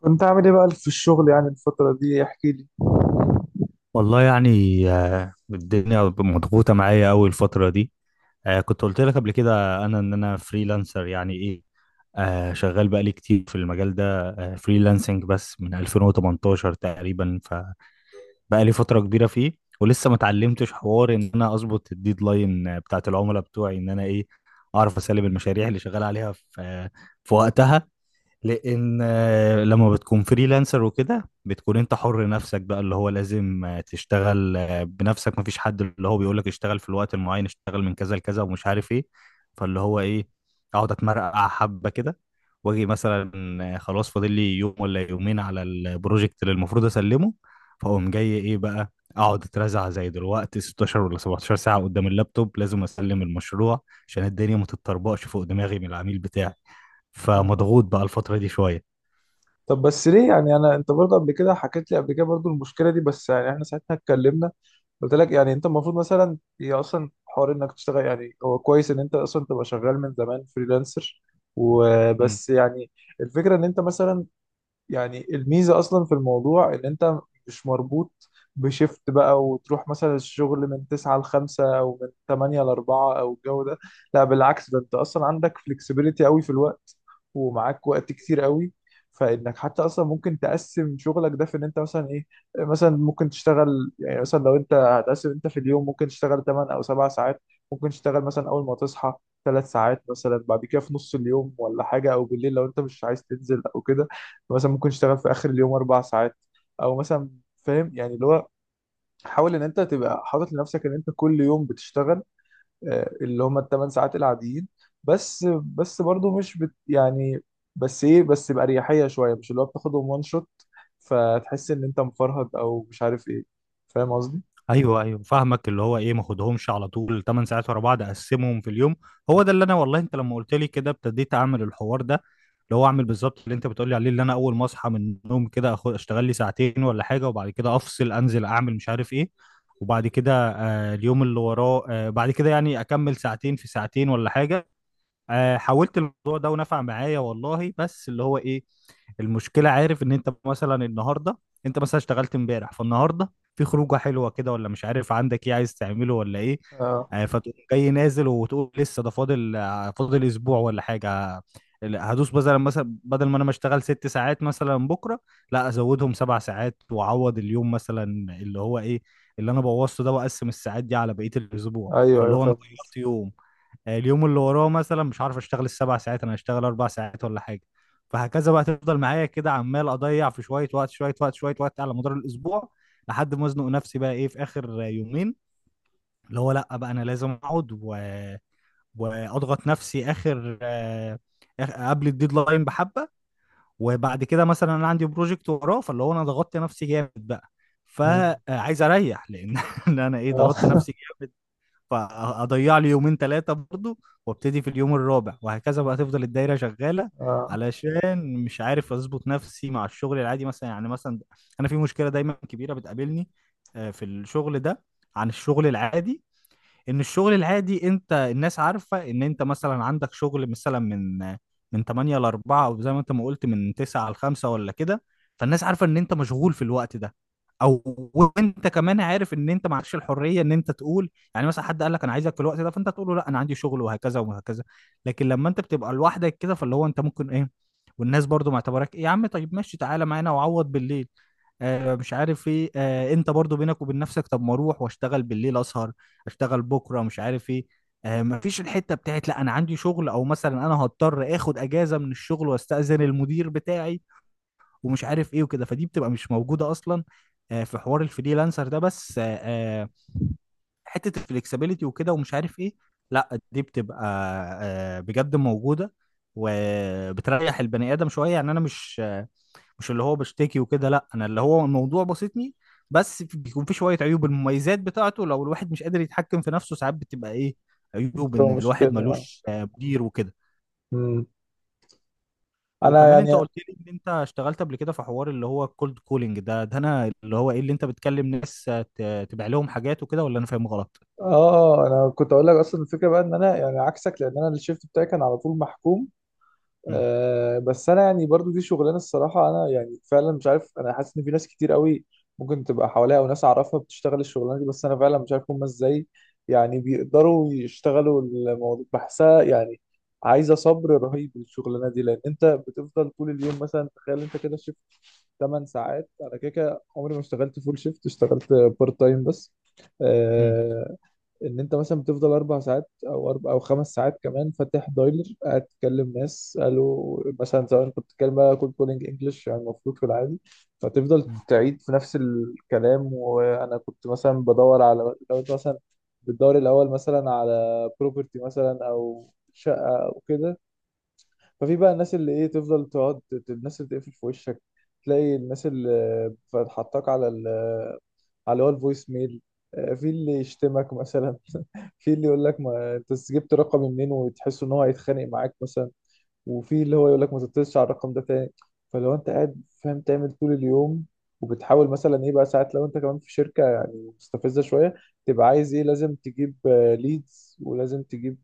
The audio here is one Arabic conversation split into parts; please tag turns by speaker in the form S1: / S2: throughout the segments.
S1: كنت عامل ايه بقى في الشغل؟ يعني الفترة دي احكي لي.
S2: والله يعني. الدنيا مضغوطة معايا أوي الفترة دي. كنت قلت لك قبل كده إن أنا فريلانسر يعني إيه. شغال بقالي كتير في المجال ده، فريلانسنج، بس من 2018 تقريبا. فبقالي فترة كبيرة فيه، ولسه ما اتعلمتش حوار إن أنا أظبط الديدلاين بتاعت العملاء بتوعي، إن أنا إيه، أعرف أسلم المشاريع اللي شغال عليها في وقتها. لان لما بتكون فريلانسر وكده، بتكون انت حر نفسك بقى، اللي هو لازم تشتغل بنفسك، مفيش حد اللي هو بيقولك اشتغل في الوقت المعين، اشتغل من كذا لكذا، ومش عارف ايه. فاللي هو ايه، اقعد اتمرقع حبه كده، واجي مثلا خلاص، فاضل لي يوم ولا يومين على البروجكت اللي المفروض اسلمه. فاقوم جاي ايه بقى، اقعد اترزع زي دلوقتي 16 ولا 17 ساعه قدام اللابتوب، لازم اسلم المشروع عشان الدنيا ما تتطربقش فوق دماغي من العميل بتاعي.
S1: آه.
S2: فمضغوط بقى الفترة دي شوية.
S1: طب بس ليه؟ يعني انا انت برضه قبل كده حكيت لي قبل كده برضه المشكلة دي، بس يعني احنا ساعتها اتكلمنا، قلت لك يعني انت المفروض مثلا هي اصلا حوار انك تشتغل، يعني هو كويس ان انت اصلا تبقى شغال من زمان فريلانسر
S2: مم.
S1: وبس. يعني الفكرة ان انت مثلا، يعني الميزة أصلا في الموضوع إن أنت مش مربوط بشيفت بقى، وتروح مثلا الشغل من 9 ل 5 أو من 8 ل 4 أو الجو ده. لا بالعكس، ده أنت أصلا عندك فلكسبيليتي قوي في الوقت، ومعاك وقت كتير قوي، فإنك حتى أصلا ممكن تقسم شغلك ده، في إن أنت مثلا إيه، مثلا ممكن تشتغل، يعني مثلا لو أنت هتقسم، أنت في اليوم ممكن تشتغل 8 أو 7 ساعات. ممكن تشتغل مثلا أول ما تصحى ثلاث ساعات، مثلا بعد كده في نص اليوم ولا حاجة، أو بالليل لو أنت مش عايز تنزل أو كده. مثلا ممكن تشتغل في اخر اليوم اربع ساعات، او مثلا، فاهم يعني اللي هو حاول ان انت تبقى حاطط لنفسك ان انت كل يوم بتشتغل اللي هم الثمان ساعات العاديين، بس برضو مش بت يعني بس بأريحية شوية، مش اللي هو بتاخدهم وان شوت فتحس ان انت مفرهد او مش عارف ايه. فاهم قصدي؟
S2: ايوه، ايوه، فاهمك. اللي هو ايه، ما خدهمش على طول 8 ساعات ورا بعض، اقسمهم في اليوم. هو ده اللي انا، والله، انت لما قلت لي كده ابتديت اعمل الحوار ده، اللي هو اعمل بالظبط اللي انت بتقول لي عليه. اللي انا اول ما اصحى من النوم كده أخد اشتغل لي 2 ساعتين ولا حاجة، وبعد كده افصل انزل اعمل مش عارف ايه. وبعد كده، اليوم اللي وراه بعد كده يعني اكمل 2 في 2 ولا حاجة. حاولت الموضوع ده ونفع معايا والله، بس اللي هو ايه، المشكله، عارف، ان انت مثلا النهارده، انت مثلا اشتغلت امبارح فالنهارده في خروجه حلوه كده، ولا مش عارف عندك ايه عايز تعمله ولا ايه.
S1: اه.
S2: فتقوم جاي نازل وتقول لسه ده فاضل اسبوع ولا حاجه. لا، هدوس مثلا بدل ما انا ما اشتغل 6 ساعات مثلا بكره، لا ازودهم 7 ساعات واعوض اليوم مثلا، اللي هو ايه اللي انا بوظته ده، واقسم الساعات دي على بقيه الاسبوع،
S1: ايوه
S2: فاللي
S1: ايوه
S2: هو انا
S1: فاهم قصدي.
S2: غيرت يوم. اليوم اللي وراه مثلا مش عارف، اشتغل ال7 ساعات، انا هشتغل 4 ساعات ولا حاجه. فهكذا بقى تفضل معايا كده، عمال اضيع في شويه وقت شويه وقت شويه وقت على مدار الاسبوع، لحد ما ازنق نفسي بقى ايه في اخر 2 يومين، اللي هو لا بقى، انا لازم اقعد واضغط نفسي اخر قبل الديدلاين بحبه. وبعد كده مثلا انا عندي بروجكت وراه، فاللي هو انا ضغطت نفسي جامد بقى،
S1: مم.
S2: فعايز اريح لان إن انا ايه
S1: اه
S2: ضغطت نفسي. فاضيع لي 2 3 برضو، وابتدي في اليوم الرابع، وهكذا بقى تفضل الدايره شغاله.
S1: اه،
S2: علشان مش عارف اظبط نفسي مع الشغل العادي مثلا. يعني مثلا انا في مشكله دايما كبيره بتقابلني في الشغل ده، عن الشغل العادي. ان الشغل العادي، انت الناس عارفه ان انت مثلا عندك شغل مثلا من 8 ل 4، او زي ما انت ما قلت من 9 ل 5 ولا كده. فالناس عارفه ان انت مشغول في الوقت ده. او، وانت كمان عارف ان انت ما عندكش الحريه ان انت تقول، يعني مثلا حد قال لك انا عايزك في الوقت ده، فانت تقول له لا انا عندي شغل، وهكذا وهكذا. لكن لما انت بتبقى لوحدك كده، فاللي هو انت ممكن ايه، والناس برضو معتبرك ايه، يا عم طيب، ماشي تعالى معانا وعوض بالليل، مش عارف ايه. انت برضو بينك وبين نفسك طب ما اروح واشتغل بالليل اسهر، اشتغل بكره، مش عارف ايه. مفيش الحته بتاعت لا انا عندي شغل، او مثلا انا هضطر اخد اجازه من الشغل واستاذن المدير بتاعي ومش عارف ايه وكده، فدي بتبقى مش موجوده اصلا في حوار الفريلانسر ده. بس آه، حته الفلكسبيليتي وكده ومش عارف ايه، لا دي بتبقى بجد موجوده، وبتريح البني ادم شويه. يعني انا مش اللي هو بشتكي وكده، لا انا اللي هو الموضوع بسيطني، بس بيكون في شويه عيوب المميزات بتاعته، لو الواحد مش قادر يتحكم في نفسه ساعات بتبقى ايه عيوب، ان
S1: بتبقى مشكلة.
S2: الواحد
S1: آه.
S2: ملوش مدير وكده.
S1: مم. انا
S2: وكمان انت
S1: يعني.
S2: قلت لي ان انت اشتغلت قبل كده في حوار اللي هو الكولد كولينج ده، انا اللي هو ايه، اللي انت بتكلم ناس تبيع لهم حاجات وكده، ولا انا فاهم غلط؟
S1: اه انا كنت اقول لك اصلا الفكره بقى ان انا يعني عكسك، لان انا الشيفت بتاعي كان على طول محكوم.
S2: امم.
S1: آه بس انا يعني برضو دي شغلانه، الصراحه انا يعني فعلا مش عارف، انا حاسس ان في ناس كتير قوي ممكن تبقى حواليا او ناس اعرفها بتشتغل الشغلانه دي، بس انا فعلا مش عارف هم ازاي يعني بيقدروا يشتغلوا الموضوع، بحسها يعني عايزه صبر رهيب الشغلانه دي، لان انت بتفضل طول اليوم مثلا. تخيل انت كده شيفت 8 ساعات، انا كده كده عمري ما اشتغلت فول شيفت، اشتغلت بارت تايم بس.
S2: امم.
S1: آه، ان انت مثلا بتفضل اربع ساعات او اربع او خمس ساعات كمان فاتح دايلر، قاعد تكلم ناس، قالوا مثلا زمان كنت بتتكلم بقى كول كولينج انجلش يعني المفروض في العادي. فتفضل
S2: امم.
S1: تعيد في نفس الكلام، وانا كنت مثلا بدور على، لو انت مثلا بتدور الاول مثلا على بروبرتي مثلا او شقه او كده. ففي بقى الناس اللي ايه تفضل تقعد، الناس اللي تقفل في وشك، تلاقي الناس اللي بتحطك على على اللي هو الفويس ميل، في اللي يشتمك مثلا في اللي يقول لك ما انت جبت رقمي منين وتحس ان هو هيتخانق معاك مثلا، وفي اللي هو يقول لك ما تتصلش على الرقم ده تاني. فلو انت قاعد فاهم تعمل طول اليوم، وبتحاول مثلا ايه بقى ساعات، لو انت كمان في شركة يعني مستفزة شوية تبقى عايز ايه، لازم تجيب ليدز، ولازم تجيب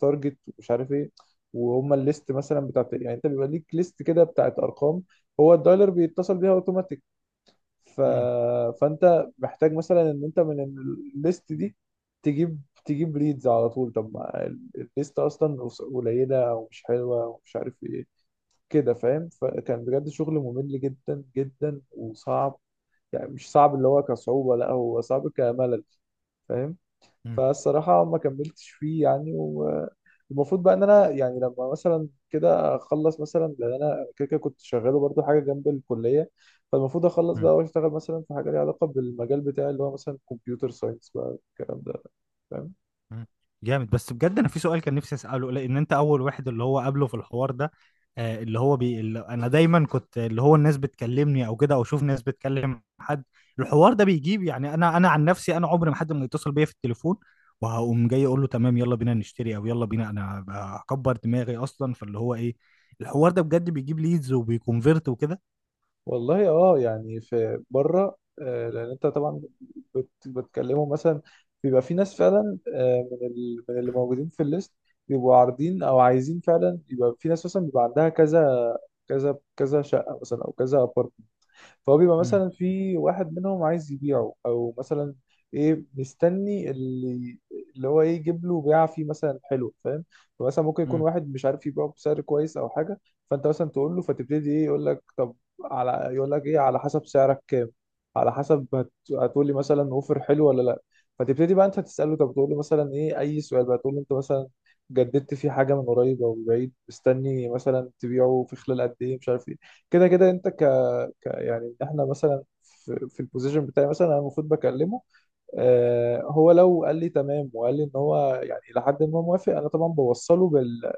S1: تارجت ومش عارف ايه. وهم الليست مثلا بتاعت، يعني انت بيبقى ليك ليست كده بتاعت ارقام هو الدايلر بيتصل بيها اوتوماتيك، ف...
S2: امم.
S1: فانت محتاج مثلا ان انت من الليست دي تجيب ليدز على طول. طب ما الليست اصلا قليله ومش حلوه ومش عارف ايه. كده فاهم. فكان بجد شغل ممل جدا جدا وصعب. يعني مش صعب اللي هو كصعوبه، لا هو صعب كملل. فاهم. فالصراحة ما كملتش فيه يعني. والمفروض بقى ان انا يعني لما مثلا كده اخلص، مثلا لان انا كده كده كنت شغاله برضو حاجة جنب الكلية، فالمفروض اخلص
S2: إمم.
S1: بقى واشتغل مثلا في حاجة ليها علاقة بالمجال بتاعي اللي هو مثلا كمبيوتر ساينس بقى الكلام ده. فاهم؟
S2: مم. جامد. بس بجد انا في سؤال كان نفسي اساله، لان انت اول واحد اللي هو قابله في الحوار ده. اللي هو اللي انا دايما كنت اللي هو الناس بتكلمني او كده، او اشوف ناس بتكلم حد، الحوار ده بيجيب، يعني انا عن نفسي، انا عمري ما حد ما يتصل بيا في التليفون وهقوم جاي اقول له تمام يلا بينا نشتري او يلا بينا، انا هكبر دماغي اصلا، فاللي هو ايه، الحوار ده بجد بيجيب ليدز وبيكونفيرت وكده؟
S1: والله اه يعني في بره، لان انت طبعا بتكلموا مثلا. بيبقى في ناس فعلا من اللي موجودين في الليست بيبقوا عارضين او عايزين فعلا، يبقى في ناس مثلا بيبقى عندها كذا كذا كذا شقه مثلا او كذا. فهو بيبقى
S2: مم.
S1: مثلا في واحد منهم عايز يبيعه، او مثلا ايه، مستني اللي هو ايه يجيب له بيعه فيه مثلا حلو، فاهم. فمثلا ممكن يكون واحد مش عارف يبيعه بسعر كويس او حاجه، فانت مثلا تقول له، فتبتدي ايه، يقول لك طب على، يقول لك ايه على حسب سعرك كام، على حسب هتقول لي مثلا اوفر حلو ولا لا. فتبتدي بقى انت تساله، طب تقول له مثلا ايه اي سؤال بقى، تقول له انت مثلا جددت في حاجه من قريب او بعيد، مستني مثلا تبيعه في خلال قد ايه مش عارف ايه، كده كده انت يعني ان احنا مثلا في البوزيشن بتاعي مثلا. انا المفروض بكلمه. آه، هو لو قال لي تمام وقال لي ان هو يعني لحد ما موافق، انا طبعا بوصله بال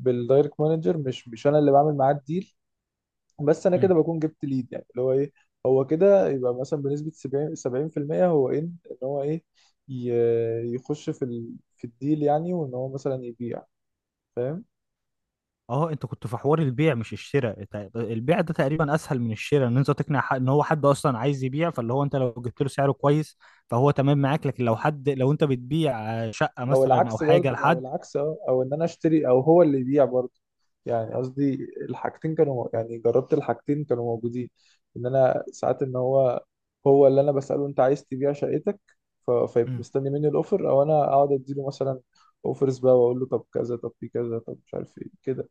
S1: بالدايركت مانجر، مش انا اللي بعمل معاه الديل، بس انا
S2: مم.
S1: كده بكون جبت ليد يعني اللي هو ايه. هو كده يبقى مثلا بنسبة 70 70% هو ان هو ايه يخش في في الديل يعني، وان هو مثلا يبيع. فاهم.
S2: اه، انت كنت في حوار البيع مش الشراء. البيع ده تقريبا اسهل من الشراء، ان انت تقنع حد ان هو حد اصلا عايز يبيع، فاللي هو انت لو جبت له سعره كويس فهو تمام معاك. لكن لو انت بتبيع شقة
S1: او
S2: مثلا او
S1: العكس
S2: حاجة
S1: برضو. او
S2: لحد.
S1: العكس اه، او ان انا اشتري او هو اللي يبيع برضو يعني. قصدي الحاجتين كانوا، يعني جربت الحاجتين كانوا موجودين. ان انا ساعات ان هو هو اللي انا بسأله انت عايز تبيع شقتك، فيبقى مستني مني الاوفر، او انا اقعد اديله مثلا اوفرز بقى واقول له طب كذا، طب في كذا، طب مش عارف ايه كده.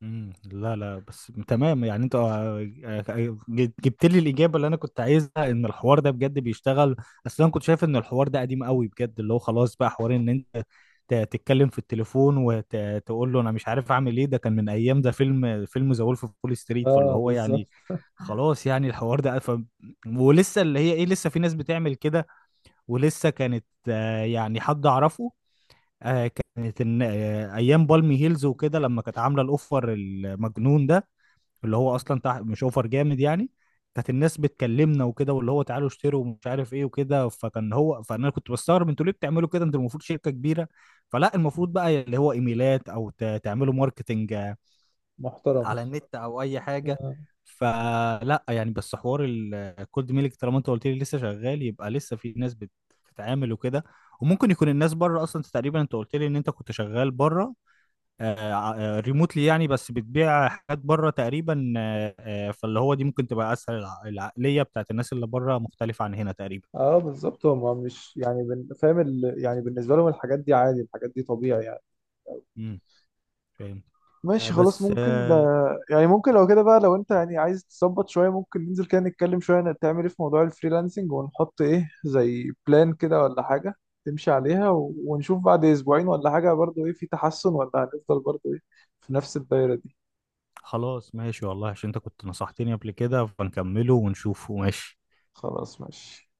S2: مم. لا، لا، بس تمام. يعني انت جبت لي الاجابه اللي انا كنت عايزها، ان الحوار ده بجد بيشتغل. اصل انا كنت شايف ان الحوار ده قديم قوي بجد، اللي هو خلاص بقى حوار ان انت تتكلم في التليفون وتقول له انا مش عارف اعمل ايه. ده كان من ايام ده فيلم ذا وولف اوف وول ستريت، فاللي
S1: اه
S2: هو يعني
S1: بالظبط.
S2: خلاص يعني الحوار ده ولسه اللي هي ايه، لسه في ناس بتعمل كده. ولسه كانت يعني حد اعرفه، آه، كانت ايام بالمي هيلز وكده لما كانت عامله الاوفر المجنون ده، اللي هو اصلا تحت، مش اوفر جامد يعني، كانت الناس بتكلمنا وكده، واللي هو تعالوا اشتروا ومش عارف ايه وكده، فكان هو فانا كنت بستغرب، انتوا ليه بتعملوا كده، انتوا المفروض شركه كبيره، فلا المفروض بقى اللي هو ايميلات، او تعملوا ماركتنج
S1: محترم.
S2: على النت او اي حاجه.
S1: اه
S2: فلا يعني، بس حوار الكولد ميلك طالما انت قلت لي لسه شغال يبقى لسه في ناس بتتعامل وكده، وممكن يكون الناس بره اصلا. انت قلت لي ان انت كنت شغال بره ريموتلي يعني، بس بتبيع حاجات بره تقريبا. فاللي هو دي ممكن تبقى اسهل، العقليه بتاعت الناس اللي بره مختلفه عن هنا تقريبا.
S1: بالظبط، هما مش يعني فاهم يعني بالنسبة لهم الحاجات دي عادي، الحاجات دي طبيعي يعني.
S2: امم. فاهم.
S1: ماشي خلاص،
S2: بس
S1: ممكن يعني ممكن لو كده بقى، لو انت يعني عايز تظبط شوية، ممكن ننزل كده نتكلم شوية تعمل ايه في موضوع الفريلانسنج، ونحط ايه زي بلان كده ولا حاجة تمشي عليها، ونشوف بعد اسبوعين ولا حاجة برضو ايه في تحسن، ولا هنفضل برضو ايه في نفس الدايرة دي.
S2: خلاص ماشي والله، عشان انت كنت نصحتني قبل كده، فنكمله ونشوفه ماشي.
S1: خلاص ماشي.